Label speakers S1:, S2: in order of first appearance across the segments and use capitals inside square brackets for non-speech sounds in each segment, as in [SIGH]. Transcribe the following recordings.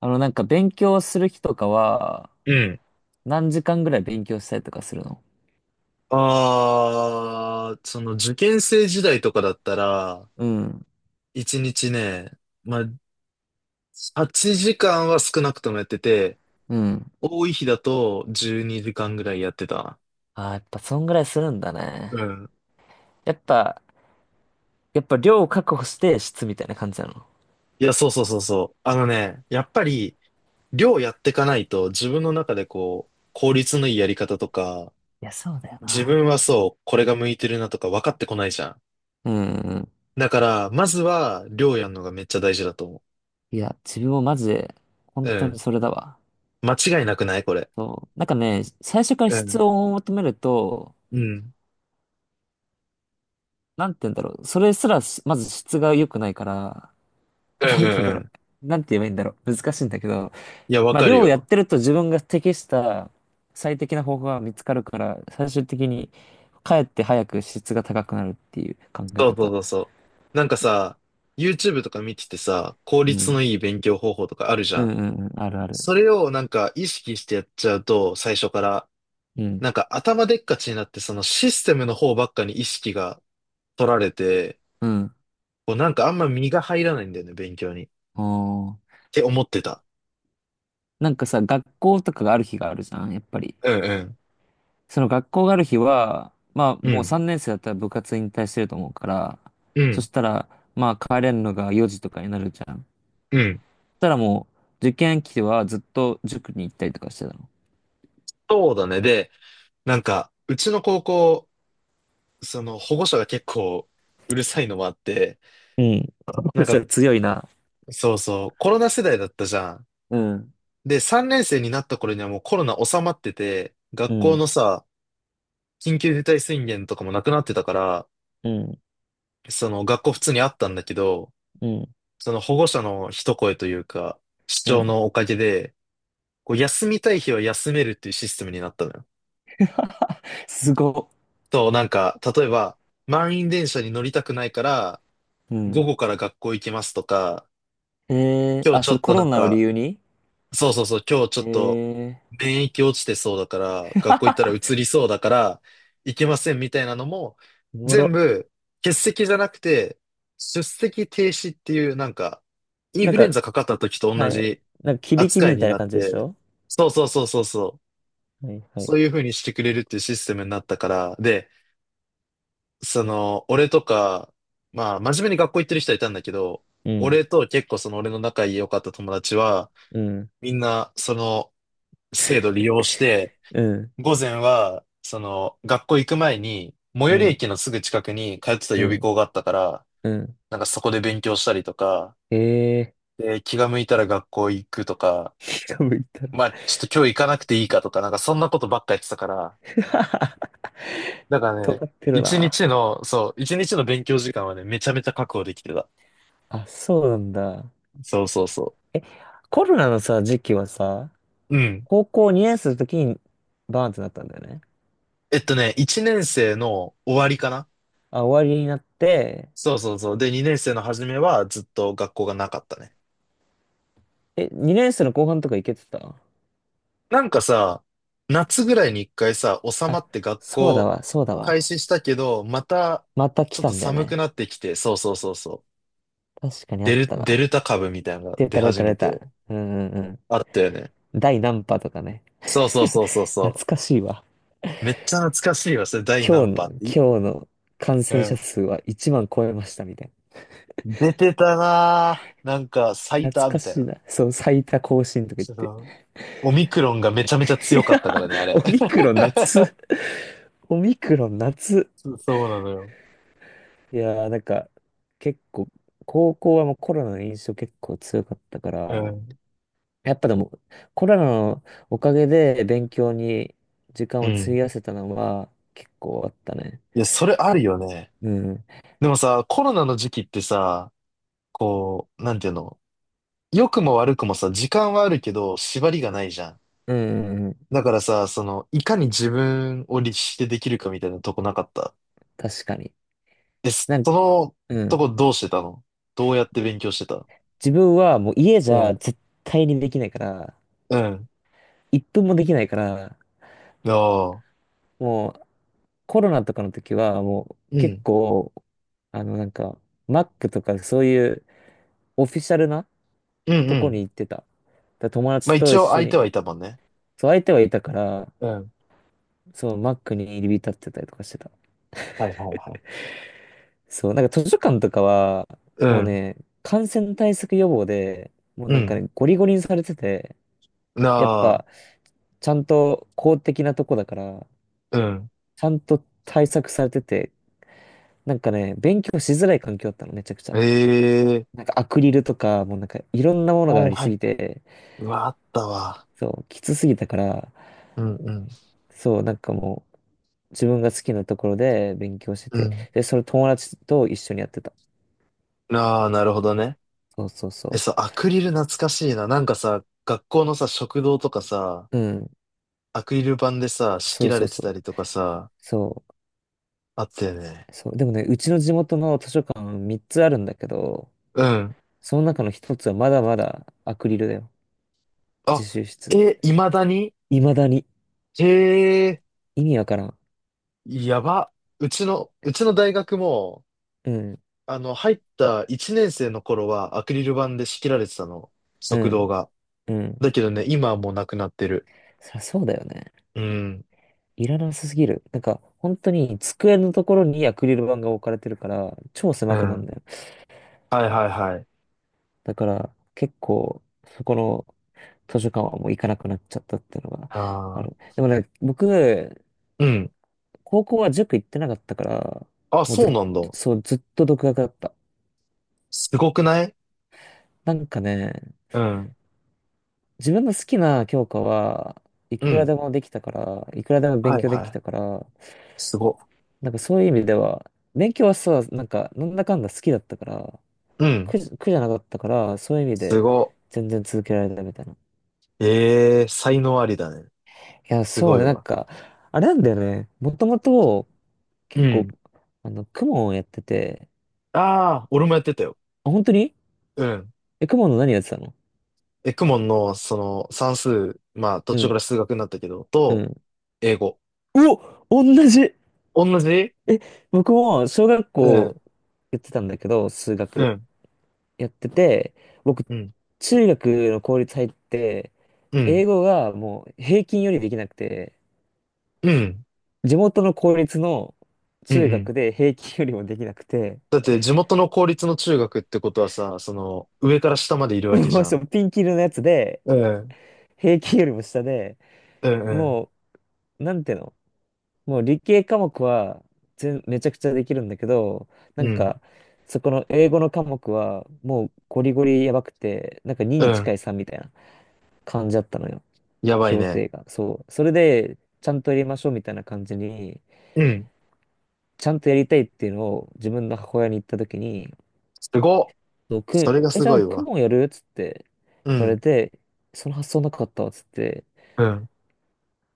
S1: なんか勉強する日とかは、
S2: うん。
S1: 何時間ぐらい勉強したりとかするの？
S2: ああ、その受験生時代とかだったら、
S1: うん。
S2: 一日ね、まあ、8時間は少なくともやってて、
S1: うん。
S2: 多い日だと12時間ぐらいやってた
S1: ああやっぱそんぐらいするんだね。
S2: な。うん。
S1: やっぱ、やっぱ量を確保して質みたいな感じなの。
S2: いや、そうそうそうそう。あのね、やっぱり、量やってかないと自分の中でこう、効率のいいやり方とか、
S1: いや、そうだよ
S2: 自
S1: な。
S2: 分はそう、これが向いてるなとか分かってこないじゃん。
S1: うんうん。
S2: だから、まずは量やるのがめっちゃ大事だと思
S1: いや、自分もマジで、本
S2: う。う
S1: 当に
S2: ん。
S1: それだわ。
S2: 間違いなくない？これ。
S1: そう。なんかね、最初から
S2: う
S1: 質
S2: ん。
S1: を求めると、
S2: うん。
S1: なんて言うんだろう。それすらし、まず質が良くないから、
S2: う
S1: な
S2: んう
S1: んて言うんだ
S2: んう
S1: ろ
S2: ん。
S1: う。なんて言えばいいんだろう。難しいんだけど、
S2: いや、わ
S1: まあ、
S2: かる
S1: 漁をやっ
S2: よ。
S1: てると自分が適した最適な方法が見つかるから、最終的にかえって早く質が高くなるっていう考え
S2: そうそう
S1: 方。
S2: そうそう。なんかさ、YouTube とか見ててさ、効
S1: う
S2: 率の
S1: ん。
S2: いい勉強方法とかあるじ
S1: う
S2: ゃ
S1: ん
S2: ん。
S1: うんうん。あるある。
S2: それをなんか意識してやっちゃうと、最初から、
S1: うん。
S2: なんか頭でっかちになって、そのシステムの方ばっかに意識が取られて、
S1: うん。
S2: こうなんかあんま身が入らないんだよね、勉強に、っ
S1: おー。
S2: て思ってた。
S1: なんかさ、学校とかがある日があるじゃん、やっぱり。
S2: うんうん。
S1: その学校がある日は、まあ
S2: う
S1: もう
S2: ん。
S1: 3年生だったら部活引退してると思うから、
S2: う
S1: そ
S2: ん。
S1: したら、まあ帰れるのが4時とかになるじゃん。
S2: うん。
S1: そしたらもう受験期はずっと塾に行ったりとかしてたの。
S2: そうだね。で、なんか、うちの高校、その保護者が結構うるさいのもあって、
S1: うん。[LAUGHS]
S2: な
S1: そ
S2: ん
S1: した
S2: か
S1: ら強いな。
S2: そうそう、コロナ世代だったじゃん。
S1: うん、
S2: で、3年生になった頃にはもうコロナ収まってて、
S1: う
S2: 学校
S1: ん、
S2: のさ、緊急事態宣言とかもなくなってたから、
S1: うん、
S2: その学校普通にあったんだけど、
S1: うん、
S2: その保護者の一声というか、主
S1: う
S2: 張
S1: ん。
S2: のおかげで、こう休みたい日は休めるっていうシステムになったのよ。
S1: すごっ。
S2: と、なんか、例えば、満員電車に乗りたくないから、
S1: う
S2: 午
S1: ん。
S2: 後から学校行きますとか、
S1: ええ、
S2: 今日
S1: あ、
S2: ちょ
S1: それ
S2: っ
S1: コ
S2: とな
S1: ロ
S2: ん
S1: ナを理
S2: か、
S1: 由に？
S2: そうそうそう、今日ちょっと
S1: ええ
S2: 免疫落ちてそうだから、学校行ったら移
S1: ー。
S2: りそうだから、行けませんみたいなのも、
S1: [LAUGHS] おも
S2: 全
S1: ろ。
S2: 部欠席じゃなくて、出席停止っていうなんか、イン
S1: なん
S2: フルエン
S1: か、
S2: ザかかった時と
S1: は
S2: 同
S1: い。
S2: じ
S1: なんか、響き
S2: 扱い
S1: みた
S2: に
S1: いな
S2: なっ
S1: 感じでし
S2: て、
S1: ょ？
S2: そうそうそうそうそう、
S1: はい、はい。
S2: そういう風にしてくれるっていうシステムになったから、で、その、俺とか、まあ、真面目に学校行ってる人はいたんだけど、
S1: うん、
S2: 俺と結構その俺の仲良かった友達は、
S1: うん、
S2: みんな、その、制度利用して、
S1: うん、
S2: 午前は、その、学校行く前に、最
S1: う
S2: 寄り
S1: ん、
S2: 駅のすぐ近くに通ってた
S1: う
S2: 予備
S1: ん、
S2: 校があったから、
S1: うん。
S2: なんかそこで勉強したりとか、
S1: ええー。
S2: で、気が向いたら学校行くとか、
S1: 気が向いたら、
S2: まあ、ちょっと今日行かなくていいかとか、なんかそんなことばっかやってたから、だからね、
S1: 尖ってる
S2: 一
S1: な。
S2: 日の、そう、一日の勉強時間はね、めちゃめちゃ確保できてた。
S1: あ、そうなんだ。
S2: そうそうそ
S1: え、コロナのさ、時期はさ、
S2: う。うん。
S1: 高校2年生の時にバーンってなったんだよね。
S2: ね、一年生の終わりかな。
S1: あ、終わりになって、
S2: そうそうそう。で、二年生の初めはずっと学校がなかったね。
S1: え、2年生の後半とか行けてた？
S2: なんかさ、夏ぐらいに一回さ、収ま
S1: あ、
S2: って学
S1: そうだ
S2: 校
S1: わ、そうだ
S2: 開
S1: わ。
S2: 始したけど、また
S1: また来
S2: ちょっ
S1: た
S2: と
S1: んだよ
S2: 寒く
S1: ね。
S2: なってきて、そうそうそうそう。
S1: 確かにあ
S2: デ
S1: っ
S2: ル、
S1: た
S2: デ
S1: な。
S2: ルタ株みたいなのが
S1: 出
S2: 出
S1: た出
S2: 始
S1: た
S2: め
S1: 出
S2: て、
S1: た。うんうんう
S2: あったよね。
S1: ん。第何波とかね。
S2: そうそうそうそうそ
S1: 懐かしいわ。
S2: う。めっちゃ懐かしいわ、それ第何波っ
S1: 今
S2: て。
S1: 日の感
S2: う
S1: 染者
S2: ん。
S1: 数は1万超えましたみたい
S2: 出てたなぁ。なんか最
S1: な。懐
S2: 多
S1: か
S2: みたい
S1: しい
S2: な。
S1: な。そう、最多更新とか言っ
S2: そ
S1: て。
S2: のオミクロンがめちゃめちゃ
S1: [LAUGHS] い
S2: 強かっ
S1: や、
S2: たからね、あ
S1: オ
S2: れ。
S1: ミクロン
S2: [LAUGHS]
S1: 夏。オミクロン夏。
S2: そうそうなのよ。
S1: いやー、なんか、結構、高校はもうコロナの印象結構強かったから、
S2: う
S1: やっぱでも、コロナのおかげで勉強に時間
S2: ん。う
S1: を費
S2: ん。
S1: やせたのは結構あったね。
S2: いや、それあるよね。
S1: うん。
S2: でもさ、コロナの時期ってさ、こう、なんていうの、良くも悪くもさ、時間はあるけど、縛りがないじゃん。
S1: うん、うんうん、
S2: だからさ、その、いかに自分を律してできるかみたいなとこなかった？
S1: 確かに。
S2: え、
S1: なん、
S2: その
S1: う
S2: とこ
S1: ん。
S2: どうしてたの？どうやって勉強してた？
S1: 自分はもう家じ
S2: うん、
S1: ゃ絶対にできないから、
S2: うん、
S1: 一分もできないから、
S2: ああ、
S1: もうコロナとかの時はもう
S2: う
S1: 結
S2: ん、
S1: 構、なんか、Mac とかそういうオフィシャルな
S2: うん、う
S1: とこに
S2: ん。
S1: 行ってた。だから友
S2: まあ
S1: 達と
S2: 一
S1: 一
S2: 応
S1: 緒
S2: 相手は
S1: に、
S2: いたもんね。
S1: そう相手はいたから、
S2: うん、
S1: そう Mac に入り浸ってたりとかしてた。
S2: はいはいはい。
S1: そう、なんか図書館とかは、
S2: う
S1: もう
S2: ん、
S1: ね、感染対策予防で、もう
S2: う
S1: なんか
S2: ん、
S1: ね、ゴリゴリにされてて、
S2: な
S1: やっ
S2: あ、
S1: ぱ、ちゃんと公的なとこだから、
S2: うん。
S1: ちゃんと対策されてて、なんかね、勉強しづらい環境だったの、めちゃくちゃ。
S2: ええ、
S1: なんかアクリルとか、もうなんかいろんなものが
S2: は
S1: あ
S2: い
S1: り
S2: は
S1: す
S2: い。
S1: ぎて、
S2: うわ、あったわ。
S1: そう、きつすぎたから、
S2: うん、うん、
S1: そう、なんかもう、自分が好きなところで勉強して
S2: う
S1: て、
S2: ん。
S1: で、それ友達と一緒にやってた。
S2: ああ、なるほどね。
S1: そうそう
S2: え、
S1: そ
S2: そう、アクリル懐かしいな。なんかさ、学校のさ、食堂とかさ、
S1: う。うん、
S2: アクリル板でさ、仕
S1: そ
S2: 切
S1: う
S2: ら
S1: そ
S2: れ
S1: う
S2: て
S1: そ
S2: た
S1: う。
S2: りとかさ、
S1: そう。
S2: あったよね。
S1: そう、でもね、うちの地元の図書館3つあるんだけど、
S2: うん。
S1: その中の1つはまだまだアクリルだよ。自
S2: あ、
S1: 習室。
S2: え、未だに？
S1: 未だに。
S2: へえ、
S1: 意味わからん。
S2: やば。うちの大学も、
S1: うん、
S2: あの、入った1年生の頃はアクリル板で仕切られてたの。
S1: う
S2: 食堂
S1: ん、
S2: が。
S1: うん。
S2: だけどね、今はもうなくなってる。
S1: そりゃそうだよね。
S2: うん。
S1: いらなさすぎる。なんか、本当に机のところにアクリル板が置かれてるから、超
S2: う
S1: 狭くなん
S2: ん。
S1: だよ。
S2: はいはいはい。
S1: だから、結構、そこの図書館はもう行かなくなっちゃったっていうのがあ
S2: あ
S1: る。
S2: あ、
S1: でもね、僕、
S2: うん。
S1: 高校は塾行ってなかったから、
S2: あ、
S1: もう
S2: そう
S1: ずっと、
S2: なんだ。
S1: そう、ずっと独学だった。
S2: すごくない？
S1: なんかね、
S2: うん。
S1: 自分の好きな教科はいく
S2: う
S1: ら
S2: ん、
S1: でもできたから、いくらでも勉
S2: はい
S1: 強で
S2: は
S1: き
S2: い。
S1: たから、
S2: すご。
S1: なんかそういう意味では、勉強はさ、なんかなんだかんだ好きだったから、
S2: うん、
S1: 苦じゃなかったから、そういう意味
S2: す
S1: で
S2: ご。
S1: 全然続けられたみたいな。い
S2: ええ、才能ありだね。
S1: や、
S2: す
S1: そ
S2: ご
S1: う
S2: い
S1: ね、なん
S2: わ。
S1: か、あれなんだよね。もともと
S2: う
S1: 結構、
S2: ん。
S1: 公文をやってて、
S2: ああ、俺もやってたよ。
S1: あ、本当に？
S2: うん。
S1: え、クモンの何やってたの？
S2: エクモンの、その、算数、まあ、途
S1: う
S2: 中か
S1: ん、
S2: ら数学になったけど、
S1: う
S2: と、
S1: ん。
S2: 英語。
S1: お、同じ。
S2: 同じ。
S1: え、僕も小学
S2: う
S1: 校
S2: ん、
S1: やってたんだけど、数
S2: う
S1: 学。
S2: ん。
S1: やってて、僕、
S2: うん、
S1: 中学の公立入って、
S2: うん、
S1: 英語がもう平均よりできなくて、
S2: うん、
S1: 地元の公立の
S2: うん、う
S1: 中学
S2: ん。
S1: で平均よりもできなくて、
S2: だって、地元の公立の中学ってことはさ、その、上から下までいるわけじ
S1: も
S2: ゃ
S1: うそ
S2: ん。
S1: うピンキリのやつで、
S2: うん、
S1: 平均よりも下で、
S2: うん、うん。
S1: もう、なんていうの、もう理系科目はめちゃくちゃできるんだけど、な
S2: う
S1: ん
S2: ん、
S1: か、そこの英語の科目はもうゴリゴリやばくて、なんか2
S2: う
S1: に近
S2: ん、
S1: い3みたいな感じだったのよ。
S2: やばい
S1: 評
S2: ね。
S1: 定が。そう。それで、ちゃんとやりましょうみたいな感じに、
S2: うん。
S1: ちゃんとやりたいっていうのを自分の母親に言ったときに、
S2: すごっ。
S1: そう
S2: そ
S1: く、
S2: れが
S1: え、
S2: す
S1: じゃ
S2: ご
S1: あ、
S2: い
S1: 公
S2: わ。
S1: 文やるっつって
S2: う
S1: 言われ
S2: ん
S1: て、その発想なかったわっつって、
S2: うん。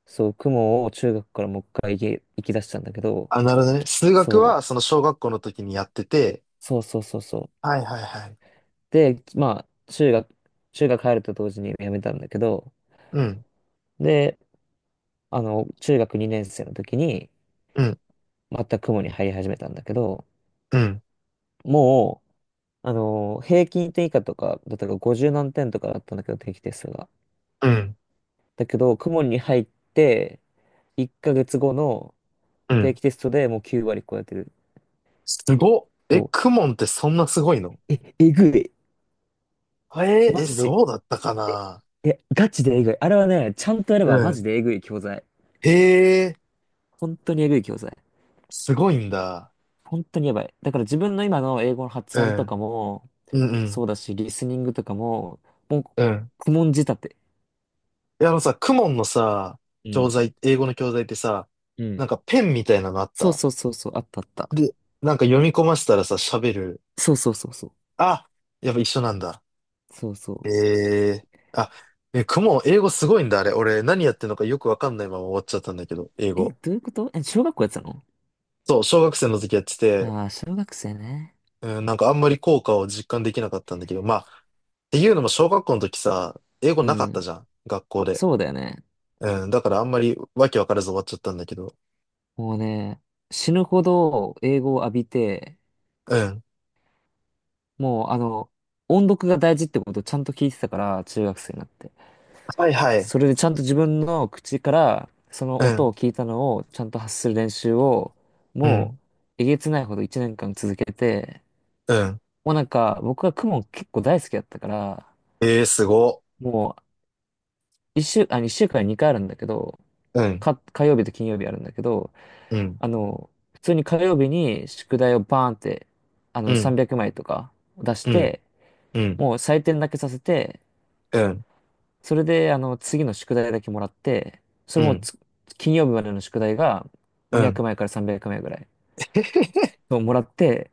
S1: そう、公文を中学からもう一回行き出したんだけど、
S2: あ、なるほどね。数学
S1: そう、
S2: は、その小学校の時にやってて、
S1: そうそうそうそう。
S2: はいはいはい。
S1: で、まあ、中学入ると同時に辞めたんだけど、
S2: うん、
S1: で、中学2年生の時に、
S2: うん、
S1: また公文に入り始めたんだけど、
S2: うん、
S1: もう、平均点以下とか、だったら50何点とかだったんだけど、定期テストが。
S2: うん、
S1: だけど、公文に入って、1ヶ月後の
S2: う
S1: 定
S2: ん。
S1: 期テストでもう9割超えてる。
S2: すごっ。え、
S1: そ
S2: クモンってそんなすごいの？
S1: う。え、えぐい。
S2: えー、
S1: マ
S2: え、
S1: ジで、
S2: そうだったかな？
S1: え、ガチでえぐい。あれはね、ちゃんとやれば
S2: う
S1: マジ
S2: ん。
S1: でえぐい教材。
S2: へえ、
S1: 本当にえぐい教材。
S2: すごいんだ。
S1: 本当にやばい。だから自分の今の英語の発
S2: う
S1: 音と
S2: ん、
S1: かも、
S2: うん、う
S1: そ
S2: ん、
S1: うだし、リスニングとかも、もう、
S2: うん。
S1: 公文仕立て。
S2: いや、あのさ、クモンのさ、
S1: う
S2: 教
S1: ん。
S2: 材、英語の教材ってさ、
S1: う
S2: なん
S1: ん。
S2: かペンみたいなのあっ
S1: そう
S2: た？
S1: そうそうそう、あったあった。
S2: で、なんか読み込ませたらさ、喋る。
S1: そうそうそうそう。
S2: あ、やっぱ一緒なんだ。
S1: そうそ
S2: え
S1: う。
S2: え、あ、え、雲、英語すごいんだ、あれ。俺、何やってんのかよくわかんないまま終わっちゃったんだけど、英
S1: え、
S2: 語。
S1: どういうこと？え、小学校やってたの？
S2: そう、小学生の時やってて、
S1: ああー、小学生ね。
S2: うん、なんかあんまり効果を実感できなかったんだけど、まあ、っていうのも小学校の時さ、英語
S1: う
S2: なかった
S1: ん。
S2: じゃん、学校で。
S1: そうだよね。
S2: うん、だからあんまりわけわからず終わっちゃったんだけど。
S1: もうね、死ぬほど英語を浴びて、
S2: うん。
S1: もう音読が大事ってことをちゃんと聞いてたから、中学生になって。
S2: はいはい。
S1: それでちゃんと自分の口から、その
S2: う
S1: 音
S2: ん、
S1: を聞いたのをちゃんと発する練習を、
S2: う
S1: も
S2: ん、
S1: う、えげつないほど1年間続けて、
S2: うん。
S1: もうなんか、僕は公文結構大好きだったから、
S2: ええ、すご。
S1: もう、一週間に2回あるんだけど、
S2: うん、
S1: 火曜日と金曜日あるんだけど、
S2: うん、
S1: 普通に火曜日に宿題をバーンって、
S2: うん、
S1: 300枚とか出し
S2: うん、
S1: て、
S2: うん、
S1: もう採点だけさせて、
S2: うん、
S1: それで、次の宿題だけもらって、そ
S2: う
S1: れも
S2: ん、
S1: つ金曜日までの宿題が
S2: う
S1: 200
S2: ん。
S1: 枚から300枚ぐらいをもらって、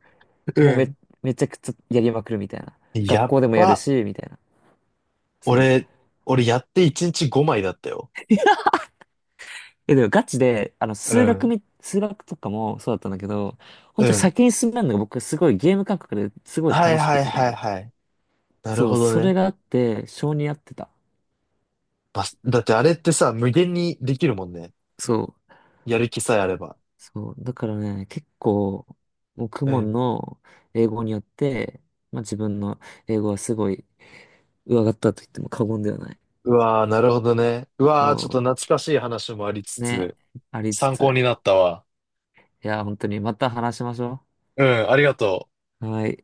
S2: う
S1: もう
S2: ん。
S1: めちゃくちゃやりまくるみたいな。
S2: や
S1: 学
S2: っ
S1: 校でもやる
S2: ば。
S1: し、みたいな。そう。
S2: 俺、俺やって1日5枚だったよ。
S1: え、でもガチで、
S2: うん。
S1: 数学とかもそうだったんだけど、
S2: う
S1: 本当に
S2: ん。
S1: 先に進めるのが僕すごいゲーム感覚ですごい
S2: はい
S1: 楽し
S2: は
S1: く
S2: いはい
S1: て、
S2: はい。なる
S1: そう、
S2: ほど
S1: それ
S2: ね。
S1: があって、性に合ってた。
S2: バスだってあれってさ、無限にできるもんね。
S1: そう。
S2: やる気さえあれば。
S1: そう、だからね、結構、もうク
S2: う
S1: モン
S2: ん。
S1: の英語によって、まあ自分の英語はすごい上がったと言っても過言ではない。
S2: うわー、なるほどね。うわー、
S1: そ
S2: ちょっと懐かしい話もありつ
S1: う、ね、
S2: つ、
S1: ありつ
S2: 参考
S1: つ。
S2: になったわ。
S1: いや、本当にまた話しましょ
S2: うん、ありがとう。
S1: う。はい。